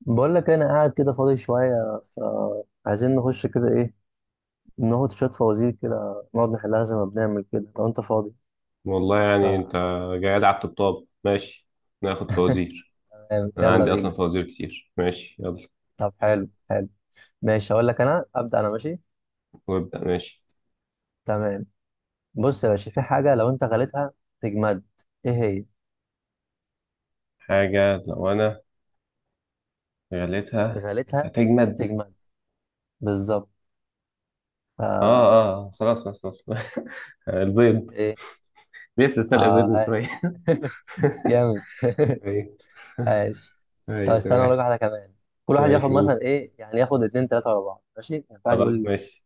بقول لك انا قاعد كده فاضي شويه، فعايزين نخش كده ايه. ناخد شويه فوازير كده نقعد نحلها زي ما بنعمل كده لو انت فاضي. والله ف يعني انت جاي لي على الطبطاب ماشي. ناخد فوازير. انا يلا عندي اصلا بينا. فوازير كتير، ماشي يلا. طب حلو حلو. ماشي، هقول لك انا ابدا، انا ماشي. وابدأ ماشي. تمام. بص يا باشا، في حاجه لو انت غليتها تجمد، ايه هي؟ حاجة لو انا غليتها غليتها هتجمد؟ تجمد بالظبط. ف اه اه آه. خلاص خلاص خلاص. البيض. ايه؟ لسه سلق بيض اه، من عاش شوية. جامد. ايوه. عاش. طب ايوه استنى اقول لك تمام. واحده كمان. كل واحد ياخد ماشي مثلا قول. ايه، يعني ياخد اتنين تلاته ورا بعض، ماشي؟ يعني كل واحد خلاص يقول. ماشي.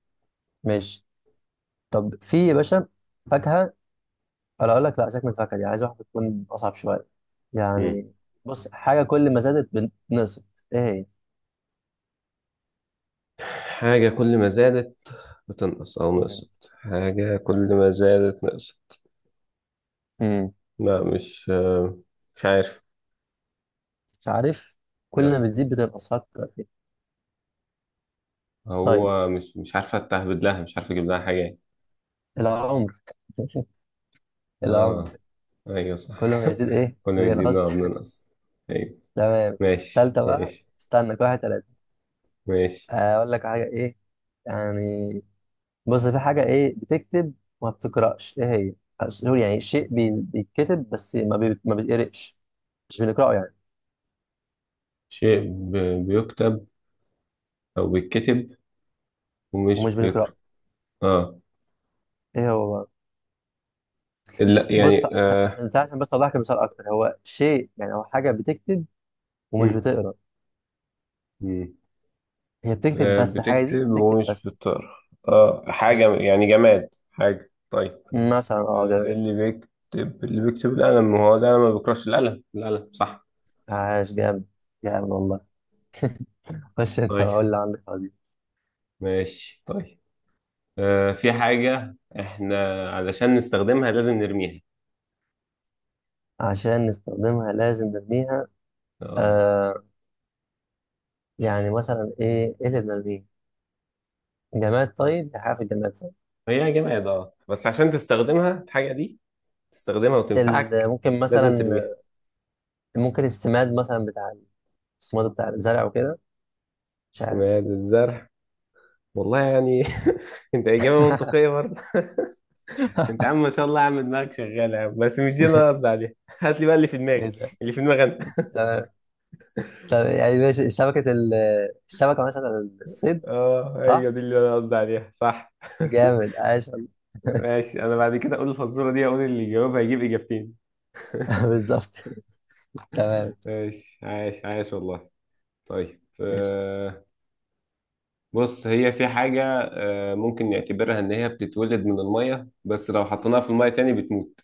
ماشي. طب في يا باشا فاكهة. أنا أقول لك، لا، سيبك من الفاكهة دي، عايز واحدة تكون أصعب شوية مم. يعني. بص، حاجة كل ما زادت بنقصت، إيه هي؟ حاجة كل ما زادت بتنقص، أو مم. نقصت؟ حاجة كل ما زادت نقصت؟ مم. لا مش مش عارف. مش عارف. كل ما لا، بتزيد بتنقص، فكر فيها. طيب، هو مش عارفة تهبد لها، مش عارفة اجيب لها حاجة يعني. العمر. العمر. اه ايوه صح. كل ما يزيد إيه كنا يزيدنا بينقص. وبننقص. ايوه تمام. ماشي تالتة بقى، ماشي استنى، كل واحد تلاتة. ماشي. أقول لك حاجة إيه يعني. بص، في حاجة إيه بتكتب وما بتقرأش، إيه هي؟ أس- يعني شيء بي- بيتكتب بس ما بي- ما بيتقرأش. مش بنقرأه يعني. شيء بيكتب او بيتكتب ومش ومش بنقرأه. بيقرأ. اه ايه هو بقى؟ لا بص يعني عشان آه. عشان عشان بس اوضح لك المثال اكتر، هو شيء يعني او حاجه بتكتب ومش مم. بتقرا. مم. هي بتكتب آه. بس، الحاجه دي بتكتب بتكتب ومش بس. بتقرأ. اه حاجة مم. يعني جماد، حاجة طيب. مثلا اه، آه. اللي جامد. بيكتب اللي بيكتب القلم، ما هو ده ما بيقرأش، القلم القلم صح. عاش جامد. جامد والله. خش انت طيب وقول اللي عندك، عظيم. ماشي طيب. آه، في حاجة احنا علشان نستخدمها لازم نرميها. عشان نستخدمها لازم نرميها. اه آه، يعني مثلا ايه اللي بنرميه؟ جماد، طيب دي حاجه في الجماد، صح. هي جماد، اه بس عشان تستخدمها الحاجة دي تستخدمها ال- وتنفعك ممكن لازم مثلا. ترميها. ممكن السماد مثلا بتاع، السماد بتاع الزرع وكده. مش عارف. سماد الزرع. والله يعني. انت إجابة منطقية برضه. انت يا عم ما شاء الله يا عم، دماغك شغالة يا عم، بس مش دي اللي انا قصدي عليها. هات لي بقى اللي في ايه دماغي. ده. اللي في دماغي انا. آه. طب يعني ماشي، شبكة ال... الشبكة مثلا الصيد. اه ايوه صح؟ دي اللي انا قصدي عليها صح. جامد، عاش والله. ماشي، انا بعد كده اقول الفزورة دي، اقول اللي يجاوبها هيجيب اجابتين. بالظبط. تمام. ماشي عايش عايش والله. طيب قشطة. بص هي في حاجة. ممكن نعتبرها إن هي بتتولد من المية، بس لو حطيناها في المية تاني بتموت.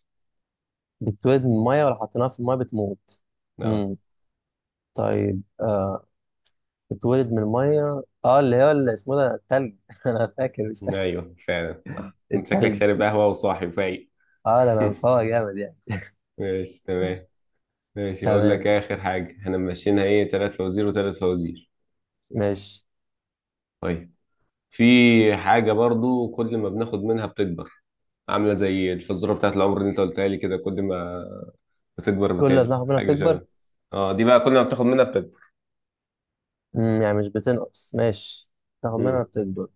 بتتولد من المية ولا حطيناها في المية بتموت؟ اه امم. طيب آه. بتتولد من المية، اه اللي هو اللي اسمه ده التلج. انا فاكر، مش اسف. أيوه فعلا صح، أنت شكلك التلج. شارب قهوة وصاحي فايق. اه، ده انا مفوق جامد يعني. ماشي تمام. ماشي هقول لك تمام، آخر حاجة احنا ماشيينها إيه، تلات فوازير وتلات فوازير. ماشي. طيب في حاجة برضو كل ما بناخد منها بتكبر. عاملة زي الفزورة بتاعت العمر اللي أنت قلتها لي كده، كل ما بتكبر كل ما بتقل، بناخد منها حاجة بتكبر. شبه. اه دي بقى كل ما بتاخد منها بتكبر. امم، يعني مش بتنقص، ماشي. ناخد منها مم. بتكبر.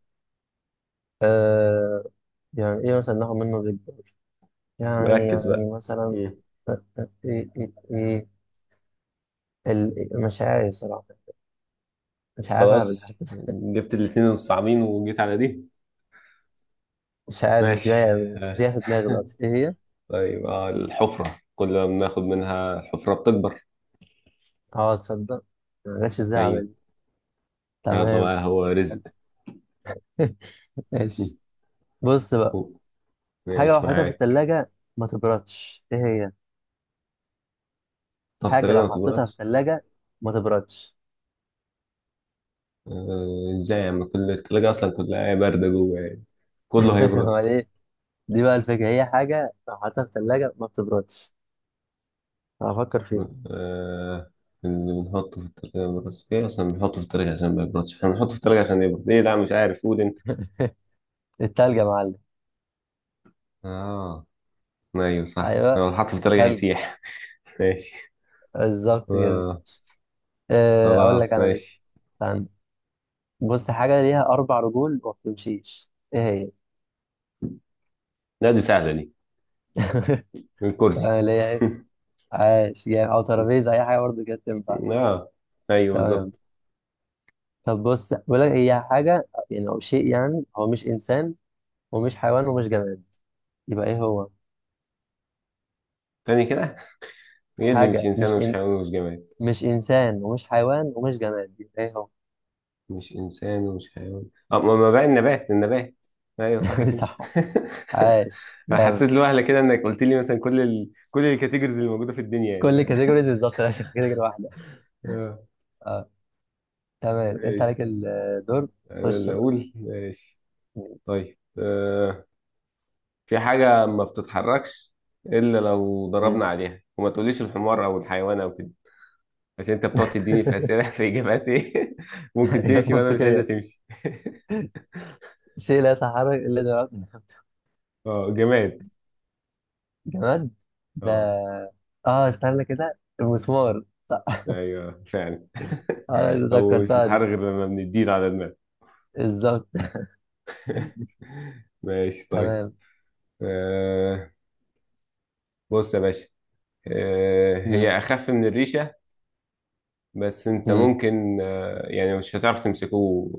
آه. يعني ايه مثلا ناخد منه بتكبر؟ يعني مركز بقى. يعني مثلا مم. إيه. ال- مش عارف صراحة. مش عارف أعمل خلاص، حاجة. جبت الاتنين الصعبين وجيت على دي. مش عارف، مش ماشي. جاية مش جاية آه. في دماغي دلوقتي، إيه هي؟ طيب الحفرة، كل ما بناخد منها الحفرة بتكبر. أه، تصدق ما جاتش إزاي أيوة. أعمل. يلا تمام. بقى هو حلو. رزق. ماشي. بص بقى، حاجة لو ماشي حطيتها في معاك. التلاجة ما تبردش، إيه هي؟ طب حاجة التلاجة لو ما حطيتها في تبردش؟ التلاجة ما تبردش. ازاي يعني؟ كل التلاجة أصلا كلها باردة جوه يعني، كله هيبرد. أمال إيه؟ دي بقى الفكرة، هي حاجة لو حطيتها في التلاجة ما بتبردش. هفكر فيها. آه. اللي بنحطه في التلاجة ما بيبردش، ايه أصلا بنحطه في التلاجة عشان ما يبردش؟ احنا بنحطه في التلاجة عشان يبرد. ايه؟ لا مش عارف، قول أنت. التلج يا معلم. اه أيوة صح، أيوه، لو حطه في التلاجة التلج. هيسيح. ماشي. بالظبط كده. آه آه، اقول لك خلاص انا لسه. ماشي. استنى، بص، حاجه ليها اربع رجول وما بتمشيش، ايه هي؟ لا دي سهلة دي، تمام، الكرسي. اللي هي ايه؟ عاش يعني، او ترابيزه، اي حاجه برضه كده تنفع. اه ايوه تمام. بالظبط. طب بص، بقول لك هي حاجه يعني او شيء يعني، هو مش انسان ومش حيوان ومش جماد، يبقى ايه هو؟ تاني كده؟ ايه اللي مش حاجه انسان مش ومش إن... حيوان ومش جماد؟ مش انسان ومش حيوان ومش جماد، يبقى ايه هو؟ مش انسان ومش حيوان، اه ما بقى النبات النبات. ايوه صح كده. صح. عاش انا جامد. حسيت لوهله كده انك قلت لي مثلا كل الكاتيجوريز اللي موجوده في الدنيا كل يعني. كاتيجوريز بالظبط، لا كاتيجوري واحده. اه اه. تمام، انت عليك ماشي، الدور. انا خش اللي بقى. اقول ماشي. طيب آه. في حاجه ما بتتحركش الا لو ضربنا عليها، وما تقوليش الحمار او الحيوان او كده. عشان انت بتقعد تديني في اسئله في اجابات ايه ممكن إجابات تمشي وانا مش عايزه منطقية. تمشي. شيء لا يتحرك إلا جماد. اه جماد. جماد ده. اه آه، استنى كده، المسمار، صح. ايوه فعلا. آه هو مش ذكرتها بيتحرك دي، غير لما بنديله على دماغه. بالظبط. ماشي طيب. تمام. آه بص يا باشا. مم. هي اخف من الريشه. بس انت مم. ممكن يعني مش هتعرف تمسكه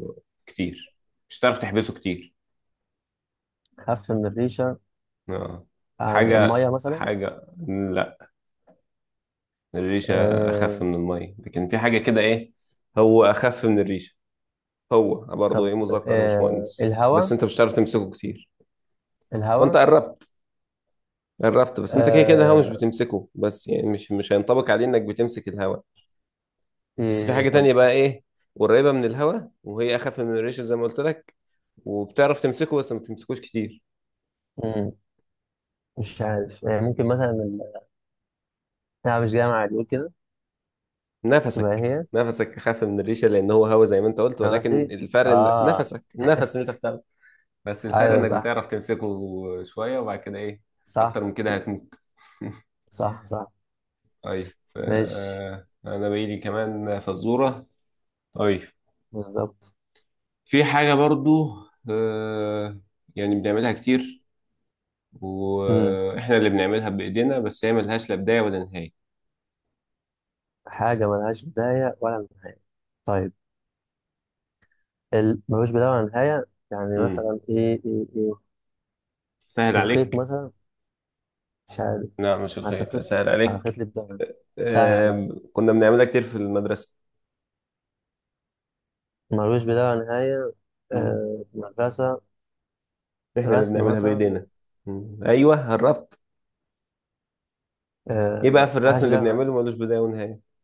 كتير. مش هتعرف تحبسه كتير. خف من الريشة. اه يعني حاجه المية مثلا. حاجه، لا، الريشه اخف آه. من الميه، لكن في حاجه كده ايه. هو اخف من الريشه. هو برضه طب ايه، مذكر مش آه، مؤنث. بس الهواء. انت مش هتعرف تمسكه كتير وانت الهواء. قربت قربت. بس انت كده كده الهوا مش آه. بتمسكه، بس يعني مش هينطبق عليه انك بتمسك الهوا. بس في إيه؟ حاجة طب. تانية بقى ايه، قريبة من الهوا، وهي اخف من الريشة زي ما قلت لك، وبتعرف تمسكه بس ما بتمسكوش كتير. مم. مش عارف، يعني ممكن مثلا ال... أنا مش جامعة يقول كده. تبقى نفسك هي نفسك اخف من الريشة لان هو هوا زي ما انت قلت، ولكن نفسي. الفرق آه. نفسك، النفس اللي انت بتاخده. بس الفرق أيوه، انك صح. بتعرف تمسكه شوية، وبعد كده ايه اكتر صح، من كده هتموت. صح، صح. طيب ماشي، انا بقيلي كمان فزورة. طيب، بالظبط. في حاجة برضو آه، يعني بنعملها كتير، امم، واحنا اللي بنعملها بايدينا، بس هي ملهاش لا بداية ولا نهاية. حاجة ملهاش بداية ولا نهاية. طيب ال... ملوش بداية ولا نهاية، يعني امم مثلا إيه؟ سهل الخيط عليك. مثلا، مش عارف. لا مش عشان الخيط، خيط، سهل على خيط عليك. لي بداية، سهل عليا. آه، كنا بنعملها كتير في المدرسة. ملوش بداية ولا نهاية. مم. آه... مدرسة. احنا اللي رسم بنعملها مثلا. بايدينا. مم. ايوه قربت. ايه بقى آه... في الرسم ملهاش اللي بداية ولا بنعمله نهاية، ملوش بداية ونهاية؟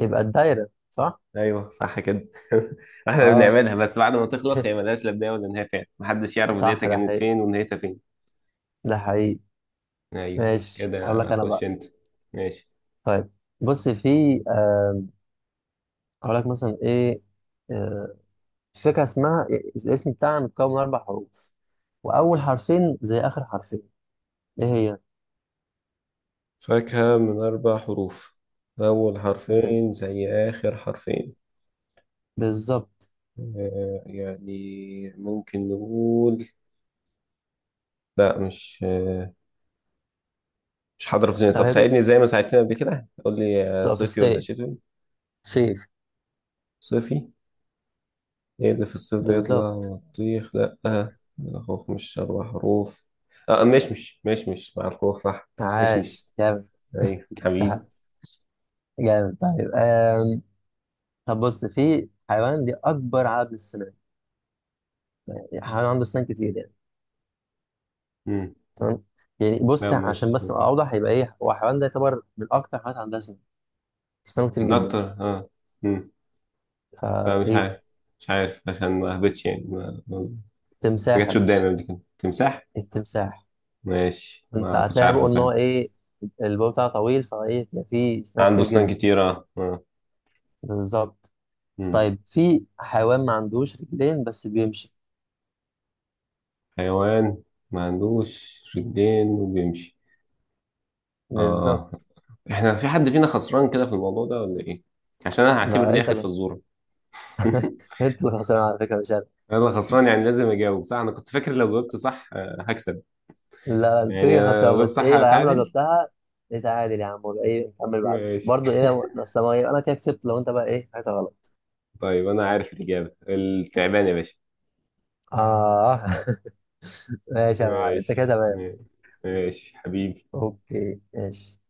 يبقى الدايرة، صح؟ ايوه صح كده. احنا اه، بنعملها، بس بعد ما تخلص هي ملهاش لا بدايه ولا نهايه، فعلا محدش يعرف بدايتها صح. ده كانت حقيقي، فين ونهايتها فين. ده حقيقي. ايوه. ماشي، هقول كده لك أنا خش بقى. انت. ماشي. طيب، بص في آه... هقول لك مثلا إيه. آه... فكرة اسمها، الاسم بتاعها متكون من أربع حروف، واول حرفين زي اخر حرفين، ايه هي؟ فاكهة من أربع حروف، أول مم. حرفين زي آخر حرفين. بالظبط. يعني ممكن نقول، لا مش مش حاضر في ذهني. طب طب هي بت- ساعدني زي ما ساعدتني قبل كده، قول لي بتبقى في صيفي ولا الصيف. شتوي؟ صيف. صيفي. ايه اللي في الصيف يطلع؟ بالظبط. بطيخ، لأ الخوخ مش أربع حروف. اه مشمش، مشمش مع الخوخ صح. مشمش. عاش، جامد. أيوة حبيبي. ده- جامد. طيب آم. طب بص، في حيوان دي اكبر عدد السنان، يعني حيوان عنده سنان كتير يعني. مم. تمام. يعني لا بص، عشان مش بس ابقى اوضح، يبقى ايه هو الحيوان ده، يعتبر من اكتر الحيوانات عندها سنان، سنان كتير من جدا. أكتر. اه مم. لا مش فايه؟ عارف. مش عارف عشان ما أهبطش يعني ما التمساح يا جاتش باشا. قدامي قبل كده تمساح. التمساح. ماشي، انت ما كنتش هتلاقي عارفه بقول ان هو فين. ايه، الباب بتاعه طويل، فايه بيبقى فيه سنان عنده كتير أسنان جدا. كتيرة اه آه. بالظبط. مم. طيب، في حيوان ما عندوش رجلين بس بيمشي. حيوان ما عندوش رجلين وبيمشي. اه. بالظبط. احنا في حد فينا خسران كده في الموضوع ده ولا ايه؟ عشان انا هعتبر لا دي انت اخر اللي. فزورة. انت اللي خسران على فكره، مش انا. انا خسران يعني لازم اجاوب صح؟ انا كنت فاكر لو جاوبت صح هكسب. لا لا، انت يعني كده انا لو خسران، جاوبت بس صح ايه، لا يا عم، لو هتعادل. جبتها نتعادل يا عم، ولا ايه نكمل بعده ماشي. برضه، ايه لو اصل ما انا كده كسبت، لو انت بقى ايه حاجه غلط. طيب انا عارف الاجابة، التعبان يا باشا. اه. ماشي يا معلم، انت كده ماشي. تمام. ماشي حبيبي. اوكي ماشي.